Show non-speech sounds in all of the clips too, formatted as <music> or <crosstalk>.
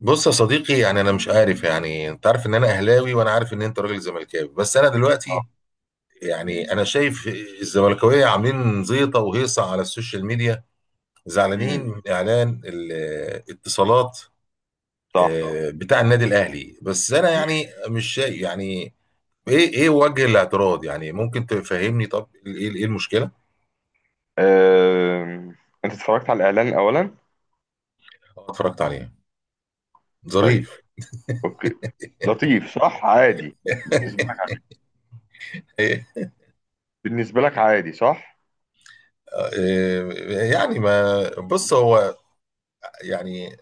بص يا صديقي، يعني انا مش عارف. يعني انت عارف ان انا اهلاوي وانا عارف ان انت راجل زملكاوي، بس انا دلوقتي اه. يعني انا شايف الزملكاويه عاملين زيطه وهيصه على السوشيال ميديا، زعلانين امم. من اعلان الاتصالات، صح. بتاع النادي الاهلي. بس انا مم. يعني مش شايف. يعني ايه ايه وجه الاعتراض؟ يعني ممكن تفهمني؟ طب ايه ايه المشكله؟ أم... انت اتفرجت على الاعلان اولا؟ اتفرجت عليه. طيب. ظريف. اوكي. لطيف، صح، عادي بالنسبه لك. ايه. بالنسبه لك عادي، صح؟ يعني ما بص، هو يعني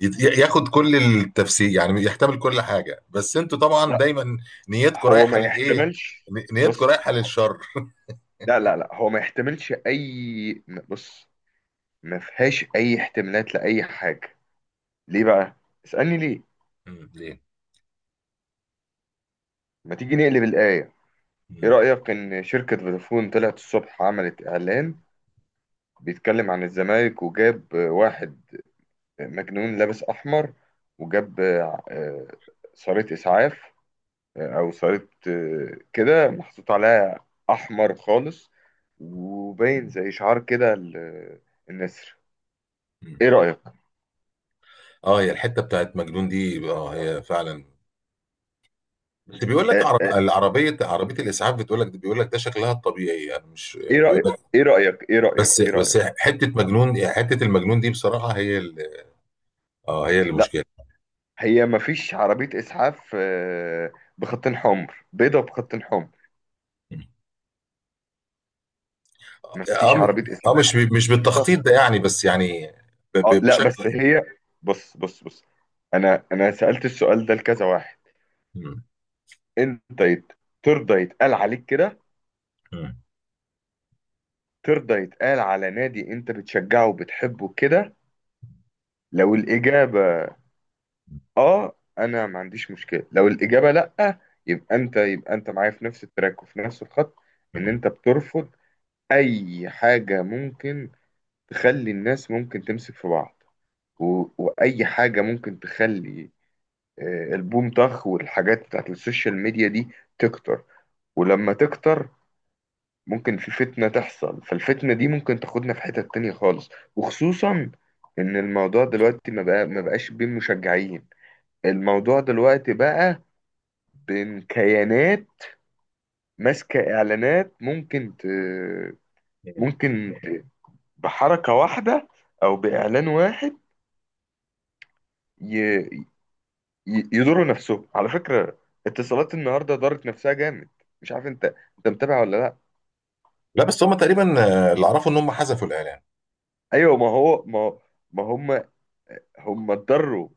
ياخد كل التفسير، يعني يحتمل كل حاجة، بس انتوا طبعا لا، دايما نيتكم هو رايحة ما للايه، يحتملش. نيتكم بص. رايحة للشر. لا لا لا، هو ما يحتملش اي. بص. ما فيهاش اي احتمالات لاي حاجه. ليه بقى؟ اسالني ليه. مم، ليه؟ ما تيجي نقلب الايه؟ ايه مم. رايك ان شركه فودافون طلعت الصبح عملت اعلان بيتكلم عن الزمالك وجاب واحد مجنون لابس أحمر، وجاب صاروخ إسعاف، أو صاروخ، كده محطوط عليها أحمر خالص، وباين زي شعار كده، النسر. إيه مم. رأيك؟ اه هي الحتة بتاعت مجنون دي، اه هي فعلا. بس بيقول لك آه، آه، العربية، عربية الإسعاف بتقول لك، بيقول لك ده شكلها الطبيعي يعني، مش إيه بيقول رأيك؟ لك. إيه رأيك؟ إيه رأيك؟ بس إيه بس رأيك؟ حتة مجنون، يعني حتة المجنون دي بصراحة هي اه هي لا، المشكلة. هي مفيش عربية إسعاف، بخطين حمر، بيضة بخطين حمر. مم. اه مفيش عربية إسعاف مش بيضة. بالتخطيط ده يعني، بس يعني آه لا، بشكل. بس هي، بص بص بص، أنا سألت السؤال ده لكذا واحد. مم. انت، ترضى يتقال عليك كده؟ مم. ترضى يتقال على نادي انت بتشجعه وبتحبه كده؟ لو الاجابه اه انا ما عنديش مشكله. لو الاجابه لا، يبقى انت معايا في نفس التراك وفي نفس الخط، ان مم. انت بترفض اي حاجه ممكن تخلي الناس ممكن تمسك في بعض، واي حاجه ممكن تخلي، البوم طخ والحاجات بتاعت السوشيال ميديا دي، تكتر. ولما تكتر ممكن في فتنة تحصل، فالفتنة دي ممكن تاخدنا في حتة تانية خالص. وخصوصا إن الموضوع دلوقتي ما بقاش بين مشجعين، الموضوع دلوقتي بقى بين كيانات ماسكة إعلانات، ممكن ت... بحركة واحدة أو بإعلان واحد ي... يضروا نفسهم على فكرة. اتصالات النهاردة ضرت نفسها جامد. مش عارف، أنت متابع ولا لأ؟ لا، بس هم تقريبا اللي اعرفه ان هم حذفوا الاعلان. أيوة، ما هو، ما هم اتضروا.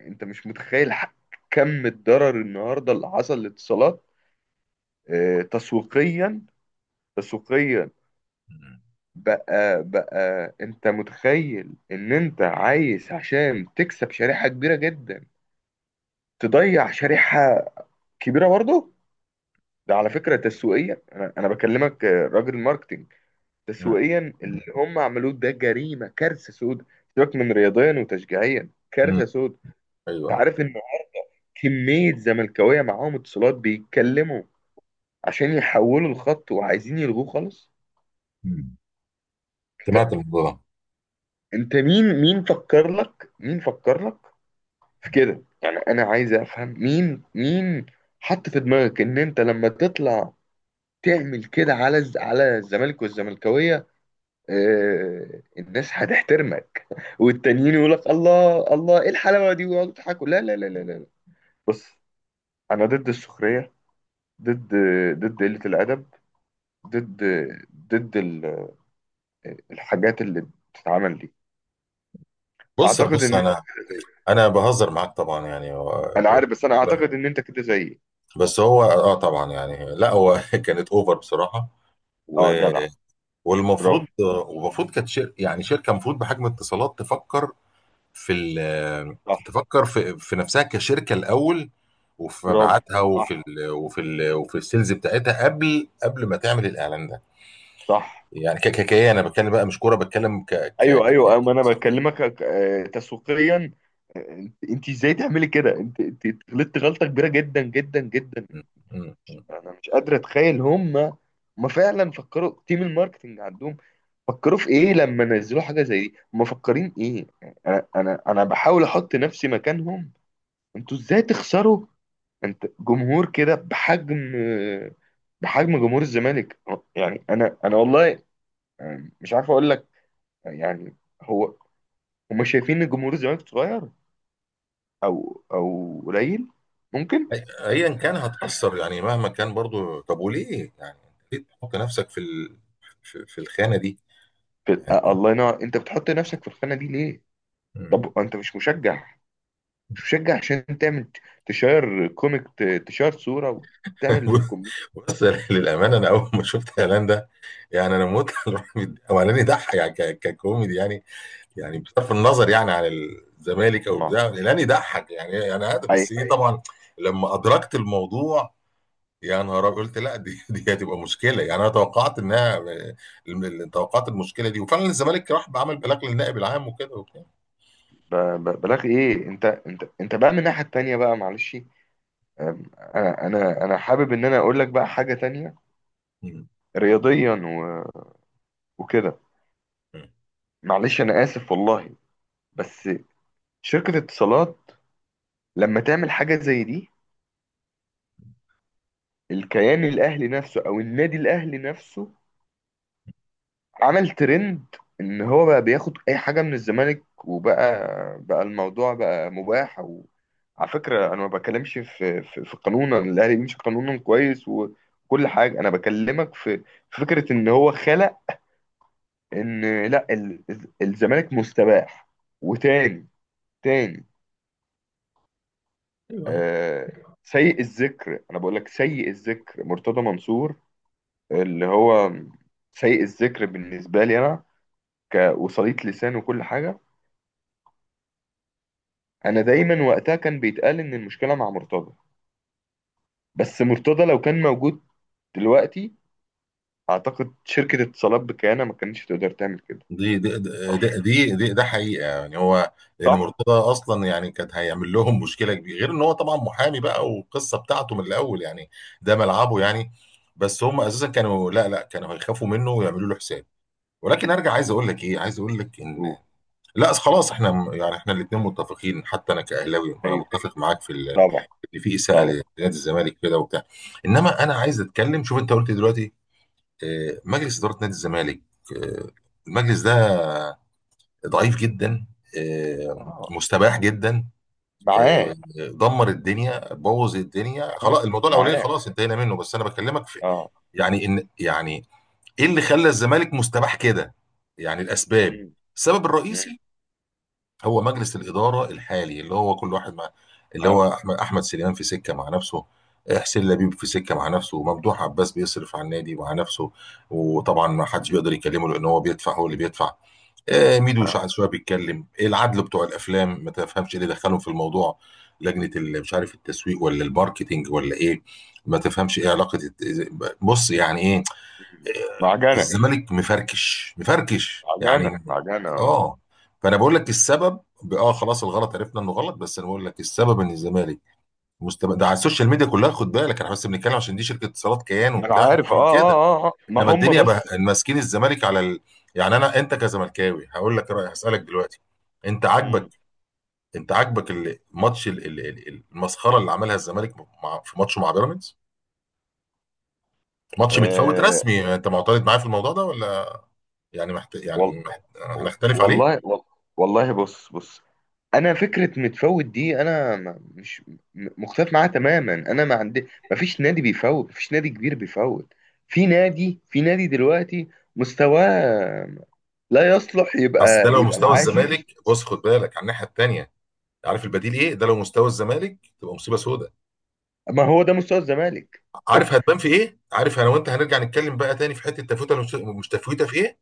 انت مش متخيل، كم الضرر النهارده اللي حصل للاتصالات، تسويقيا، تسويقيا. مم. بقى انت متخيل ان انت عايز عشان تكسب شريحة كبيرة جدا تضيع شريحة كبيرة برضه؟ ده على فكرة تسويقيا، انا بكلمك، راجل ماركتينج، مم. تسويقيا اللي هم عملوه ده جريمة، كارثة سود. سيبك من رياضيا وتشجيعيا، مم. كارثة سود. انت ايوه. عارف ان كمية زملكاوية معاهم اتصالات بيتكلموا عشان يحولوا الخط وعايزين يلغوه خالص؟ مم. انت سمعت الموضوع ده. انت مين، فكر لك، في كده؟ يعني انا عايز افهم مين، حط في دماغك ان انت لما تطلع تعمل كده على على الزمالك والزملكاويه اه الناس هتحترمك، <laughs> والتانيين يقول لك الله الله ايه الحلاوه دي، ويقعدوا يضحكوا. لا لا لا لا لا. بص. انا ضد السخريه، ضد ضد قله الادب، ضد ضد الحاجات اللي بتتعمل دي. بص اعتقد بص، ان... انا بهزر معاك طبعا، يعني انا عارف، بس انا اعتقد ان انت كده زيي. بس هو طبعا يعني، لا هو <laughs> كانت اوفر بصراحه. اه، و- جدع. برافو. والمفروض والمفروض كانت شر. يعني شركه المفروض بحجم اتصالات تفكر في صح. تفكر في نفسها كشركه الاول، وفي برافو. مبيعاتها صح، وفي السيلز بتاعتها قبل ما تعمل الاعلان ده. صح. يعني ككيكيه انا بتكلم بقى، مش كوره بتكلم. ايوه ايوه أيوة، ما انا بكلمك، تسويقيا. انت ازاي تعملي كده؟ انت غلطت غلطه كبيره جدا جدا جدا. م- م- م. انا مش قادر اتخيل، هم ما فعلا فكروا؟ تيم الماركتنج عندهم فكروا في ايه لما نزلوا حاجه زي دي؟ هم مفكرين ايه؟ انا بحاول احط نفسي مكانهم. انتوا ازاي تخسروا انت جمهور كده، بحجم جمهور الزمالك؟ يعني انا والله، مش عارف اقول لك يعني. هو هم شايفين ان جمهور الزمالك صغير، او، قليل، ممكن. ايا كان هتأثر، يعني مهما كان برضو. طب وليه يعني؟ ليه تحط نفسك في في الخانه دي؟ يعني الله ينور، انت بتحط نفسك في الخانه دي ليه؟ م. طب انت مش مشجع؟ مش مشجع عشان تعمل تشير كوميك، تشير صوره وتعمل <laughs> كوميك بص، للامانه انا اول ما شفت اعلان ده، يعني انا موت على الراجل ده. <laughs> هو اعلان يضحك يعني، ككوميدي يعني. يعني بصرف النظر يعني عن الزمالك او مع بتاع، الاعلان يضحك يعني يعني هذا. اي، بس ايه طبعا لما ادركت الموضوع، يا نهار أبيض. قلت لا، دي <laughs> دي هتبقى مشكله. يعني انا توقعت انها، توقعت المشكله دي، وفعلا الزمالك راح بعمل بلاغ للنائب العام وكده وبتاع. ب- بلاغ ايه؟ انت بقى من الناحيه التانيه، بقى معلش. آم، انا حابب ان انا اقول لك بقى حاجه تانيه، مم. رياضيا، وكده. مم. معلش انا اسف والله، بس شركة اتصالات لما تعمل حاجة زي دي، الكيان الاهلي نفسه او النادي الاهلي نفسه عمل ترند ان هو بقى بياخد اي حاجة من الزمالك، بقى الموضوع بقى مباح. وعلى فكرة انا ما بكلمش في، قانون الاهلي بيمشي قانونا كويس وكل حاجة، انا بكلمك في فكرة ان هو خلق ان لا، الزمالك مستباح، وتاني، تاني أيوة. آه، سيء الذكر، انا بقول لك سيء الذكر مرتضى منصور، اللي هو سيء الذكر بالنسبه لي انا، كوصلية لسان وكل حاجه. انا دايما وقتها كان بيتقال ان المشكله مع مرتضى، بس مرتضى لو كان موجود دلوقتي اعتقد شركه اتصالات بكيانه ما كانتش تقدر تعمل كده. دي دي دي دي دي ده حقيقه يعني. هو لان صح. مرتضى اصلا يعني كان هيعمل لهم مشكله كبيره، غير ان هو طبعا محامي بقى والقصه بتاعته من الاول يعني، ده ملعبه يعني. بس هم اساسا كانوا، لا لا، كانوا هيخافوا منه ويعملوا له حساب. ولكن ارجع عايز اقول لك ايه، عايز اقول لك ان أوه. لا، خلاص احنا يعني احنا الاثنين متفقين، حتى انا كاهلاوي انا ايوه. متفق معاك في طبعا، ان في اساءه طبعا. لنادي الزمالك كده وبتاع. انما انا عايز اتكلم، شوف انت قلت دلوقتي مجلس اداره نادي الزمالك، آه، المجلس ده ضعيف جدا، آه. مستباح جدا، آه، معاك، دمر الدنيا، بوظ الدنيا. معاك، خلاص الموضوع الاولاني معاك. خلاص انتهينا منه. بس انا بكلمك في اه. يعني، ان يعني ايه اللي خلى الزمالك مستباح كده؟ يعني الاسباب، مم. السبب مم. الرئيسي هو مجلس الإدارة الحالي، اللي هو كل واحد مع، اللي معاك، هو أحمد سليمان في سكة مع نفسه، حسين لبيب في سكة مع نفسه، وممدوح عباس بيصرف على النادي مع نفسه. وطبعا ما حدش بيقدر يكلمه لأن هو بيدفع، هو اللي بيدفع. ميدو معاك. شعب شوية بيتكلم، العدل بتوع الأفلام، ما تفهمش إيه اللي دخلهم في الموضوع. لجنة مش عارف التسويق ولا الماركتينج ولا إيه، ما تفهمش إيه علاقة بص يعني إيه. معجنه، الزمالك مفركش مفركش معجنه، يعني. معجنه. آه. اه، فانا بقول لك السبب، خلاص الغلط عرفنا انه غلط. بس انا بقول لك السبب ان الزمالك ده على السوشيال ميديا كلها. خد بالك احنا بس بنتكلم عشان دي شركه اتصالات كيان ما انا وبتاع عارف، اه وعامل كده. اه اه. آه. ما انما هم الدنيا بص. بقى ماسكين الزمالك على يعني، انا انت كزملكاوي هقول لك رايي، هسالك دلوقتي، انت عاجبك، مم. انت عاجبك الماتش المسخره اللي عملها الزمالك في ماتشه مع بيراميدز؟ ماتش متفوت آه، رسمي يعني. انت معترض معايا في الموضوع ده ولا يعني وال... يعني هنختلف عليه؟ والله، والله. بص بص. انا فكره متفوت دي، انا مش مختلف معاها تماما. انا ما فيش نادي بيفوت، ما فيش نادي كبير بيفوت. في نادي دلوقتي مستواه لا يصلح اصل ده يبقى، لو مستوى العاشر. الزمالك، بص خد بالك على الناحيه الثانيه، عارف البديل ايه؟ ده لو مستوى الزمالك تبقى مصيبه سوداء. <laughs> ما هو ده مستوى الزمالك. <laughs> عارف هتبان في ايه؟ عارف انا وانت هنرجع نتكلم بقى تاني في حته تفوته، مش تفوته في ايه.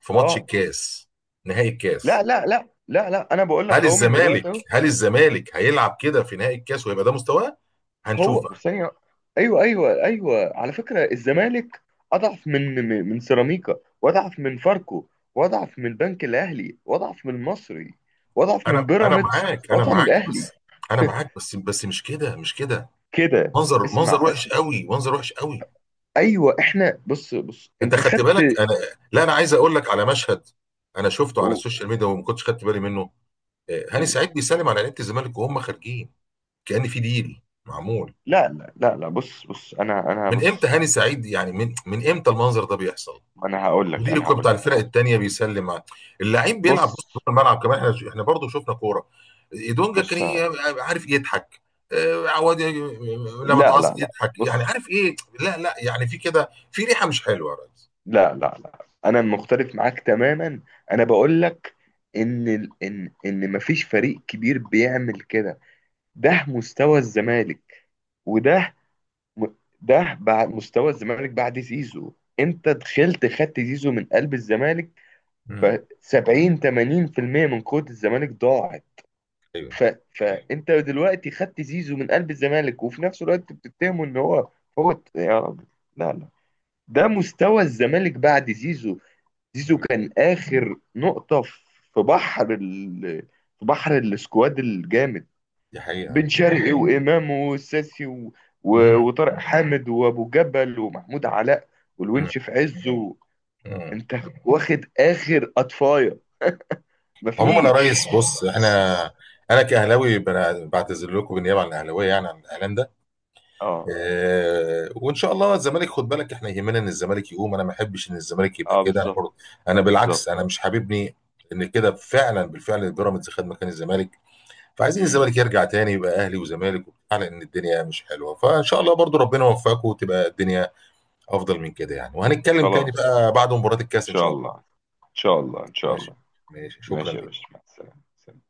في ماتش اه، الكاس، نهائي لا الكاس. لا لا لا لا، انا بقول هل لك اهو من الزمالك دلوقتي. هل الزمالك هيلعب كده في نهائي الكاس ويبقى ده مستواه؟ هنشوف هو بقى. ثانية. ايوه ايوه ايوه، على فكرة الزمالك اضعف من، سيراميكا، واضعف من فاركو، واضعف من البنك الاهلي، واضعف من المصري، واضعف من انا بيراميدز، معاك، انا واضعف من معاك الاهلي بس، انا معاك بس مش كده، مش كده. كده. منظر، اسمع منظر وحش اسمع. قوي، منظر وحش قوي. ايوه، احنا بص بص انت انت خدت خدت. بالك. انا لا، انا عايز اقول لك على مشهد انا شفته على أوه. السوشيال ميديا وما كنتش خدت بالي منه. هاني مم. سعيد بيسلم على لعيبه الزمالك وهم خارجين، كأن في ديل معمول. لا لا لا لا، بص بص، انا من امتى بص. هاني سعيد يعني، من امتى المنظر ده بيحصل؟ مدير الكوره بتاع انا الفرق هقول لك. التانيه بيسلم على اللعيب، بيلعب بص بص جوه الملعب كمان. احنا برضه شفنا كوره. دونجا كان بص. إيه؟ عارف يضحك، عواد لما لا لا تعصب لا يضحك. يعني بص. عارف ايه؟ لا لا، يعني في كده، في ريحه مش حلوه يا ريس. لا لا لا، انا مختلف معاك تماما. انا بقول لك ان، مفيش فريق كبير بيعمل كده. ده مستوى الزمالك، وده م- ده بعد مستوى الزمالك بعد زيزو. انت دخلت خدت زيزو من قلب الزمالك، ف مم. 70-80% من قوة الزمالك ضاعت. ايوه. ف فانت دلوقتي خدت زيزو من قلب الزمالك، وفي نفس الوقت بتتهمه ان هو يا رب، لا لا، ده مستوى الزمالك بعد زيزو. زيزو مم. كان آخر نقطة، في بحر ال... في بحر السكواد الجامد، دي حقيقه. بن شرقي، <laughs> وإمام والساسي، مم. وطارق حامد وأبو جبل ومحمود علاء مم. والونش في عزه. مم. أنت واخد آخر أطفاية. عموما يا مفيش. ريس، بص احنا، انا كاهلاوي بعتذر لكم بالنيابه عن الاهلاويه يعني عن الاعلان ده. اه، اه، وان شاء الله الزمالك، خد بالك احنا يهمنا ان الزمالك يقوم، انا ما احبش ان الزمالك يبقى اه، كده، انا بالظبط. برضه، انا بالعكس، بالظبط. انا مش حاببني ان كده. فعلا بالفعل بيراميدز خد مكان الزمالك، فعايزين امم. الزمالك يرجع تاني يبقى اهلي وزمالك وبتاع، لان الدنيا مش حلوه. فان شاء الله برضه ربنا يوفقكم وتبقى الدنيا افضل من كده يعني. وهنتكلم تاني خلاص. بقى بعد مباراه ان الكاس ان شاء شاء الله. الله. ان شاء الله. ان شاء ماشي. الله. ماشي، شكرا. ماشي يا باشا، مع السلامه. سلام.